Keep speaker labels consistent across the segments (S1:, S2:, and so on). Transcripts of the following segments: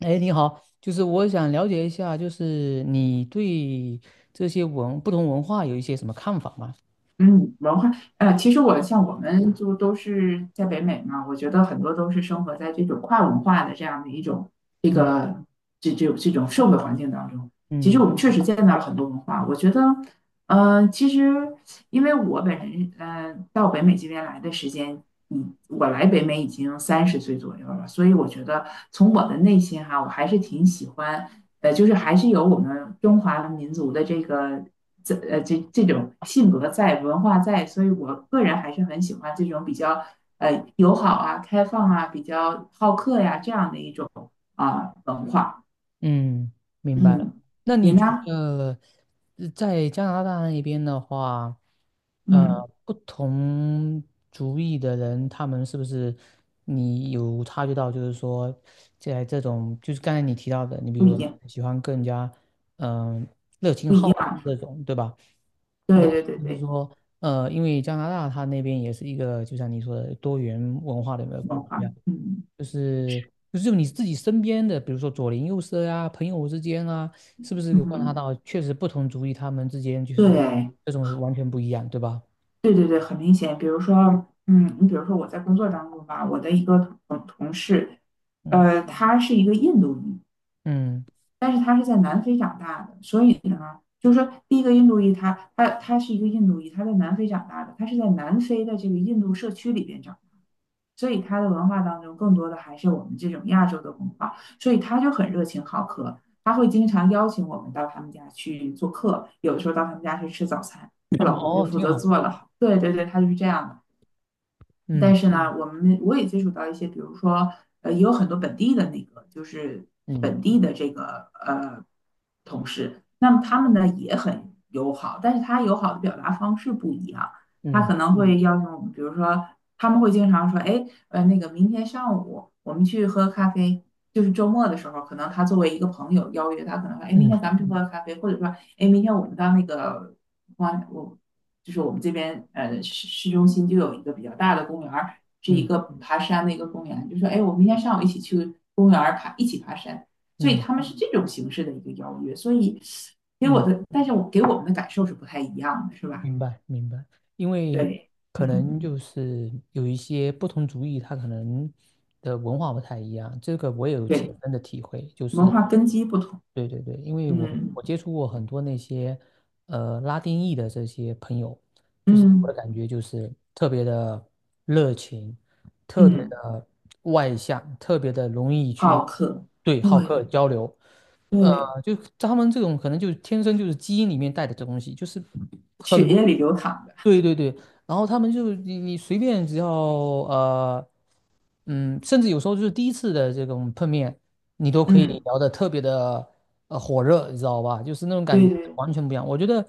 S1: 哎，你好，就是我想了解一下，就是你对这些文，不同文化有一些什么看法吗？
S2: 嗯，文化，其实我像我们就都是在北美嘛，我觉得很多都是生活在这种跨文化的这样的一种这
S1: 嗯
S2: 个这种社会环境当中。其实
S1: 嗯
S2: 我们确实见到了很多文化，我觉得，其实因为我本人，到北美这边来的时间，我来北美已经30岁左右了，所以我觉得从我的内心哈，我还是挺喜欢，就是还是有我们中华民族的这个。这种性格在，文化在，所以我个人还是很喜欢这种比较友好啊、开放啊、比较好客呀、这样的一种啊、文化。
S1: 嗯，明白了。
S2: 嗯，
S1: 那
S2: 你
S1: 你觉
S2: 呢？
S1: 得在加拿大那边的话，
S2: 嗯，
S1: 不同族裔的人，他们是不是你有察觉到，就是说，在这种就是刚才你提到的，你比
S2: 不
S1: 如
S2: 一样，
S1: 喜欢更加嗯、热情
S2: 不一
S1: 好客
S2: 样。
S1: 这种，对吧？
S2: 对对对
S1: 就是
S2: 对，
S1: 说，因为加拿大它那边也是一个，就像你说的多元文化的一个国
S2: 文化。
S1: 家，
S2: 嗯
S1: 就是就是你自己身边的，比如说左邻右舍啊、朋友之间啊，是不是有观察
S2: 嗯，
S1: 到，确实不同族裔他们之间就是
S2: 对
S1: 这种是完全不一样，对吧？
S2: 对对对，很明显。比如说，你比如说我在工作当中吧，我的一个同事，
S1: 嗯
S2: 他是一个印度裔。
S1: 嗯，
S2: 但是他是在南非长大的，所以呢，就是说，第一个印度裔他是一个印度裔，他在南非长大的，他是在南非的这个印度社区里边长大。所以他的文化当中更多的还是我们这种亚洲的文化，所以他就很热情好客，他会经常邀请我们到他们家去做客，有的时候到他们家去吃早餐，她老 公就
S1: 哦，
S2: 负
S1: 挺
S2: 责
S1: 好，
S2: 做了，对对对，他就是这样的。
S1: 嗯
S2: 但是呢，我也接触到一些，比如说，也有很多本地的那个，就是
S1: 嗯
S2: 本地的这个同事，那么他们呢也很友好，但是他友好的表达方式不一样，他
S1: 嗯
S2: 可能会要用，比如说他们会经常说，哎，那个明天上午我们去喝咖啡，就是周末的时候，可能他作为一个朋友邀约，他可能说，哎，明
S1: 嗯
S2: 天咱们去喝咖啡，或者说，哎，明天我们到那个，我就是我们这边市中心就有一个比较大的公园是一
S1: 嗯
S2: 个爬山的一个公园，就说哎，我明天上午一起去公园爬，一起爬山。所以
S1: 嗯
S2: 他们是这种形式的一个邀约，所以给我
S1: 嗯
S2: 的，但是我给我们的感受是不太一样的，是吧？
S1: 明白明白，因为
S2: 对，
S1: 可能
S2: 嗯，
S1: 就是有一些不同族裔，他可能的文化不太一样，这个我也有切
S2: 对，
S1: 身的体会，就
S2: 文
S1: 是
S2: 化根基不同，
S1: 对对对，因为我
S2: 嗯
S1: 我接触过很多那些拉丁裔的这些朋友，就是我
S2: 嗯
S1: 的感觉就是特别的热情，特别
S2: 嗯，
S1: 的外向，特别的容易去
S2: 好客，
S1: 对好
S2: 对
S1: 客
S2: 对
S1: 交流。呃，
S2: 对，
S1: 就他们这种可能就是天生就是基因里面带的这东西，就是很
S2: 血
S1: 容
S2: 液
S1: 易。
S2: 里流淌的，
S1: 对对对，然后他们就你随便只要嗯，甚至有时候就是第一次的这种碰面，你都可以
S2: 嗯，
S1: 聊得特别的火热，你知道吧？就是那种感
S2: 对
S1: 觉
S2: 对，
S1: 完全不一样。我觉得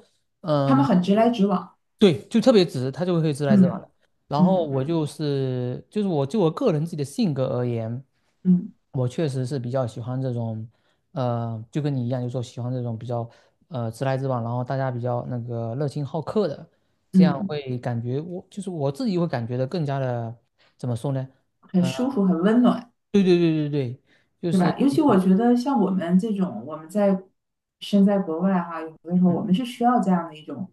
S2: 他们
S1: 嗯。
S2: 很直来直往，
S1: 对，就特别直，他就会直来直往
S2: 嗯
S1: 的。然后
S2: 嗯
S1: 我
S2: 嗯
S1: 就是就是我就我个人自己的性格而言，
S2: 嗯嗯。
S1: 我确实是比较喜欢这种，就跟你一样，就说喜欢这种比较直来直往，然后大家比较那个热情好客的。这样
S2: 嗯
S1: 会感觉我就是我自己会感觉的更加的怎么说呢？
S2: 很
S1: 呃，
S2: 舒服，很温暖，
S1: 对对对对对，就
S2: 是
S1: 是
S2: 吧？尤其我觉得像我们这种，我们在身在国外哈，有的时候
S1: 嗯
S2: 我们是需要这样的一种，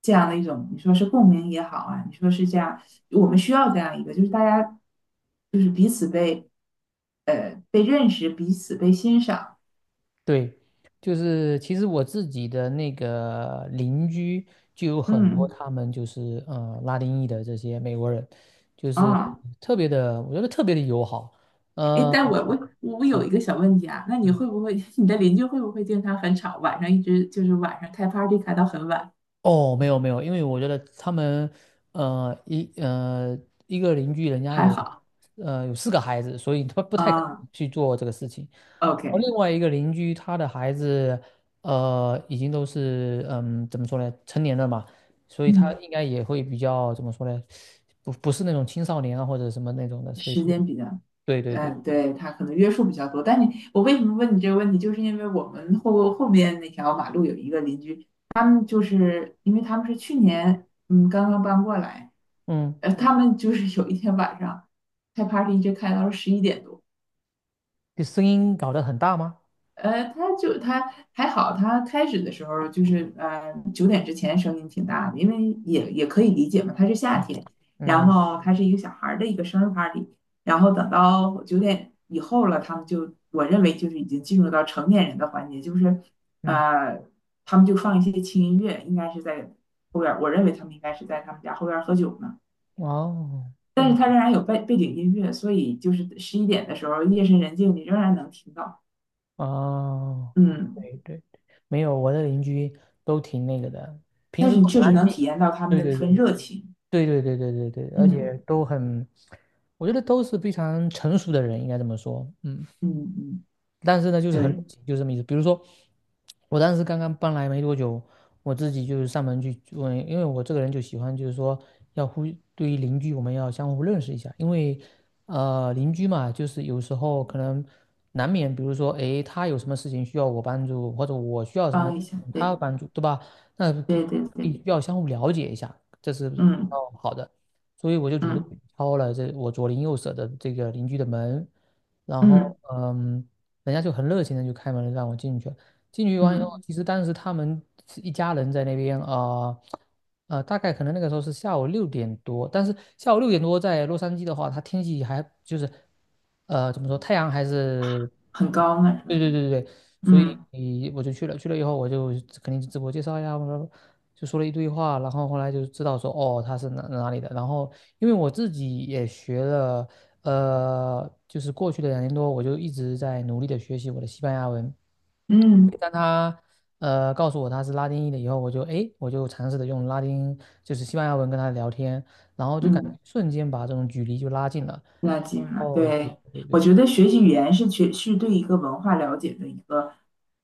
S2: 这样的一种，你说是共鸣也好啊，你说是这样，我们需要这样一个，就是大家就是彼此被被认识，彼此被欣赏，
S1: 对，就是其实我自己的那个邻居就有很多
S2: 嗯
S1: 他们就是拉丁裔的这些美国人，就是
S2: 啊，
S1: 特别的，我觉得特别的友好，
S2: 哎，
S1: 呃。
S2: 但我有一个小问题啊。那你会不会 你的邻居会不会经常很吵，晚上一直就是晚上开 party 开到很晚？
S1: 哦，没有没有，因为我觉得他们，呃，一呃一个邻居人家
S2: 还
S1: 有，
S2: 好
S1: 有四个孩子，所以他不太可
S2: 啊
S1: 能去做这个事情。而
S2: ，OK，
S1: 另外一个邻居他的孩子，已经都是嗯怎么说呢，成年了嘛，所以他
S2: 嗯。
S1: 应该也会比较怎么说呢，不不是那种青少年啊或者什么那种的，所以
S2: 时
S1: 这个
S2: 间比较，
S1: 对对对，
S2: 对，他可能约束比较多。但你，我为什么问你这个问题，就是因为我们后面那条马路有一个邻居，他们就是因为他们是去年刚刚搬过来，
S1: 嗯，
S2: 他们就是有一天晚上开 party 一直开到了11点多，
S1: 这声音搞得很大吗？
S2: 他还好，他开始的时候就是九点之前声音挺大的，因为也可以理解嘛，他是夏
S1: 嗯
S2: 天，然
S1: 嗯
S2: 后他是一个小孩儿的一个生日 party，然后等到九点以后了，他们就我认为就是已经进入到成年人的环节，就是
S1: 嗯，
S2: 呃他们就放一些轻音乐，应该是在后边儿，我认为他们应该是在他们家后边儿喝酒呢，
S1: 哦。
S2: 但是
S1: 嗯。
S2: 他仍然有背景音乐，所以就是十一点的时候夜深人静，你仍然能听到，
S1: 哦，
S2: 嗯。
S1: 对对，没有，我的邻居都挺那个的，平
S2: 但
S1: 时
S2: 是你
S1: 都很
S2: 确实
S1: 安
S2: 能
S1: 静。
S2: 体验到他们
S1: 对
S2: 的那
S1: 对对
S2: 份热情。
S1: 对对对对对对，而且
S2: 嗯
S1: 都很，我觉得都是非常成熟的人，应该这么说。嗯。
S2: 嗯嗯，
S1: 但是呢，就是很
S2: 对，
S1: 冷清，就这么意思。比如说，我当时刚刚搬来没多久，我自己就是上门去问，因为我这个人就喜欢，就是说要互对于邻居，我们要相互认识一下，因为邻居嘛，就是有时候可能难免，比如说诶，他有什么事情需要我帮助，或者我需要什么事
S2: 帮一下，
S1: 情他要
S2: 对
S1: 帮助，对吧？那不
S2: 对对对，
S1: 必要相互了解一下，这是比
S2: 嗯
S1: 较好的。所以我就主动
S2: 嗯
S1: 敲了这我左邻右舍的这个邻居的门，然
S2: 嗯
S1: 后嗯。人家就很热情的就开门让我进去，了。进去完以后，
S2: 嗯，
S1: 其实当时他们是一家人在那边啊。大概可能那个时候是下午六点多，但是下午六点多在洛杉矶的话，它天气还就是，怎么说，太阳还是，
S2: 很高呢，是
S1: 对
S2: 吧？
S1: 对对对对，所以
S2: 嗯
S1: 我就去了，去了以后我就肯定是自我介绍呀，我说就说了一堆话，然后后来就知道说哦他是哪哪里的，然后因为我自己也学了，就是过去的两年多我就一直在努力的学习我的西班牙文。
S2: 嗯
S1: 当他告诉我他是拉丁裔的以后，我就诶，我就尝试着用拉丁就是西班牙文跟他聊天，然后就感觉
S2: 嗯。
S1: 瞬间把这种距离就拉近了。
S2: 那近了，
S1: 哦，对
S2: 对，
S1: 对
S2: 我
S1: 对
S2: 觉得学习语言是对一个文化了解的一个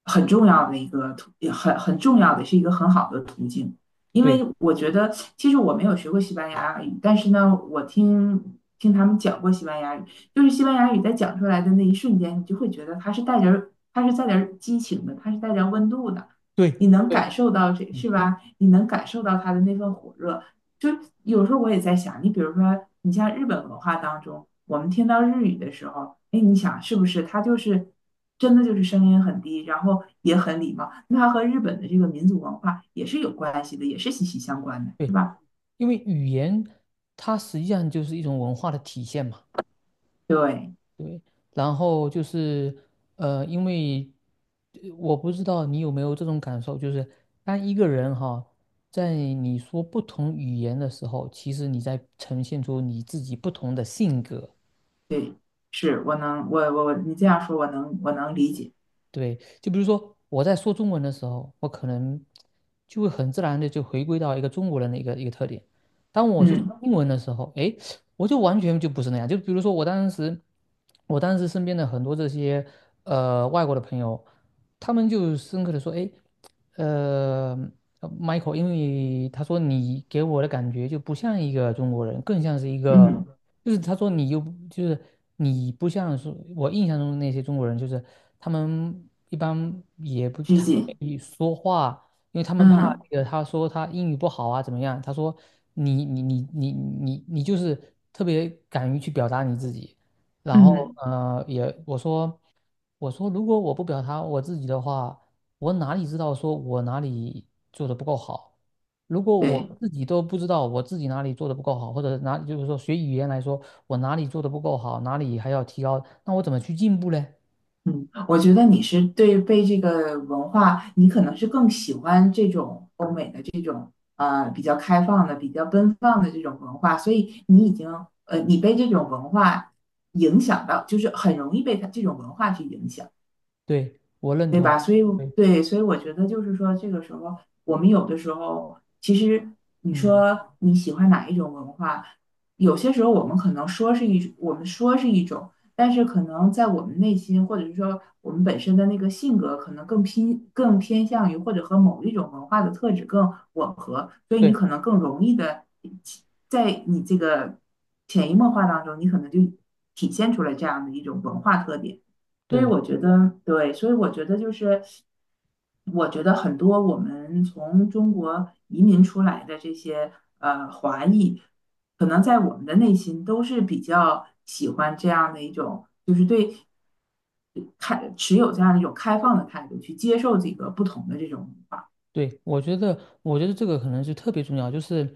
S2: 很重要的一个途，也很重要的是一个很好的途径。因为
S1: 对
S2: 我觉得，其实我没有学过西班牙语，但是呢，我听听他们讲过西班牙语，就是西班牙语在讲出来的那一瞬间，你就会觉得它是带点儿激情的，它是带点儿温度的，
S1: 对
S2: 你能
S1: 对
S2: 感受到这是吧？你能感受到它的那份火热。就有时候我也在想，你比如说，你像日本文化当中，我们听到日语的时候，哎，你想是不是它就是真的就是声音很低，然后也很礼貌，那它和日本的这个民族文化也是有关系的，也是息息相关的，是
S1: 对，
S2: 吧？
S1: 因为语言它实际上就是一种文化的体现嘛。
S2: 对
S1: 对，然后就是因为我不知道你有没有这种感受，就是当一个人哈，在你说不同语言的时候，其实你在呈现出你自己不同的性格。
S2: 对，是我能我我我你这样说，我能理解。
S1: 对，就比如说我在说中文的时候，我可能就会很自然的就回归到一个中国人的一个特点。当我去说
S2: 嗯
S1: 英文的时候，诶，我就完全就不是那样。就比如说我当时，我当时身边的很多这些外国的朋友，他们就深刻的说，诶，呃Michael，因为他说你给我的感觉就不像一个中国人，更像是一个，
S2: 嗯，
S1: 就是他说你又不就是你不像是我印象中的那些中国人，就是。他们一般也不
S2: 拘
S1: 太愿
S2: 谨，
S1: 意说话，因为他们怕
S2: 嗯
S1: 那个他说他英语不好啊怎么样？他说你就是特别敢于去表达你自己，然后
S2: 嗯，
S1: 我说我说如果我不表达我自己的话，我哪里知道说我哪里做的不够好？如果我
S2: 对。
S1: 自己都不知道我自己哪里做的不够好，或者哪就是说学语言来说，我哪里做的不够好，哪里还要提高，那我怎么去进步嘞？
S2: 嗯，我觉得你是对被这个文化，你可能是更喜欢这种比较开放的、比较奔放的这种文化，所以你已经你被这种文化影响到，就是很容易被它这种文化去影响。
S1: 对，我认
S2: 对
S1: 同。
S2: 吧？所以
S1: 对，
S2: 对，所以我觉得就是说，这个时候我们有的时候，其实你
S1: 嗯，
S2: 说你喜欢哪一种文化，有些时候我们可能说是一，我们说是一种，但是可能在我们内心，或者是说我们本身的那个性格，可能更偏向于或者和某一种文化的特质更吻合，所以你
S1: 对
S2: 可能更容易的在你这个潜移默化当中，你可能就体现出来这样的一种文化特点。所以
S1: 对，
S2: 我觉得，对，所以我觉得就是，我觉得很多我们从中国移民出来的这些华裔，可能在我们的内心都是比较喜欢这样的一种，就是对持有这样一种开放的态度去接受这个不同的这种文化。
S1: 对，我觉得，我觉得这个可能是特别重要，就是，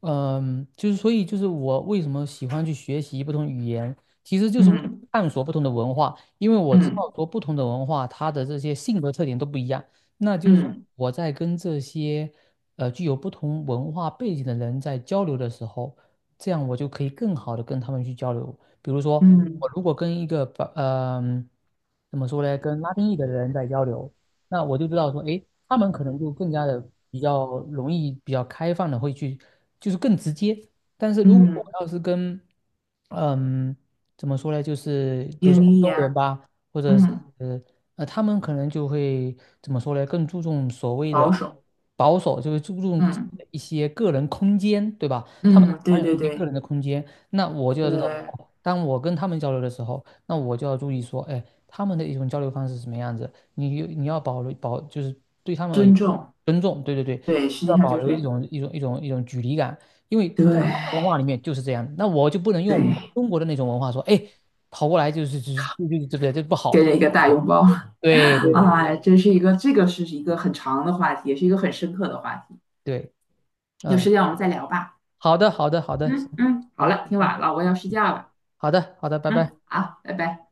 S1: 嗯，就是所以就是我为什么喜欢去学习不同语言，其实就是为了
S2: 嗯
S1: 探索不同的文化，因为我知
S2: 嗯
S1: 道说不同的文化它的这些性格特点都不一样，那就是说
S2: 嗯
S1: 我在跟这些具有不同文化背景的人在交流的时候，这样我就可以更好的跟他们去交流。比如说，
S2: 嗯
S1: 我如果跟一个把，怎么说呢，跟拉丁裔的人在交流。那我就知道说，哎，他们可能就更加的比较容易、比较开放的会去，就是更直接。但是如果
S2: 嗯，
S1: 我要是跟，嗯，怎么说呢，就是比如说
S2: 英
S1: 欧
S2: 译
S1: 洲人
S2: 呀，
S1: 吧，或者是
S2: 嗯，
S1: 他们可能就会怎么说呢，更注重所谓的
S2: 保守，
S1: 保守，就是注重
S2: 嗯
S1: 一些个人空间，对吧？他们
S2: 嗯，对
S1: 喜有
S2: 对
S1: 一些个人
S2: 对，
S1: 的空间。那我就要知道，
S2: 呃，
S1: 哦当我跟他们交流的时候，那我就要注意说，哎，他们的一种交流方式是什么样子。你你要保留保，就是对他们而言，
S2: 尊重，
S1: 尊重，对对对，
S2: 对，实际
S1: 要
S2: 上
S1: 保
S2: 就是
S1: 留一
S2: 对
S1: 种一种一种一种距离感，因为在他们的文
S2: 对
S1: 化里面就是这样那我就不能用我
S2: 对，
S1: 中国的那种文化说，哎，跑过来就是就是就就对不对？这不好
S2: 给
S1: 了。
S2: 了一个大拥抱，
S1: 对对对
S2: 啊！真是一个这个是一个很长的话题，也是一个很深刻的话题，
S1: 对，
S2: 有
S1: 嗯，
S2: 时间我们再聊吧。
S1: 好的好的好的，行，
S2: 嗯嗯，好
S1: 好，
S2: 了，挺
S1: 拜拜
S2: 晚了，我要睡觉了。
S1: 好的好的，拜
S2: 嗯，
S1: 拜。
S2: 好，拜拜。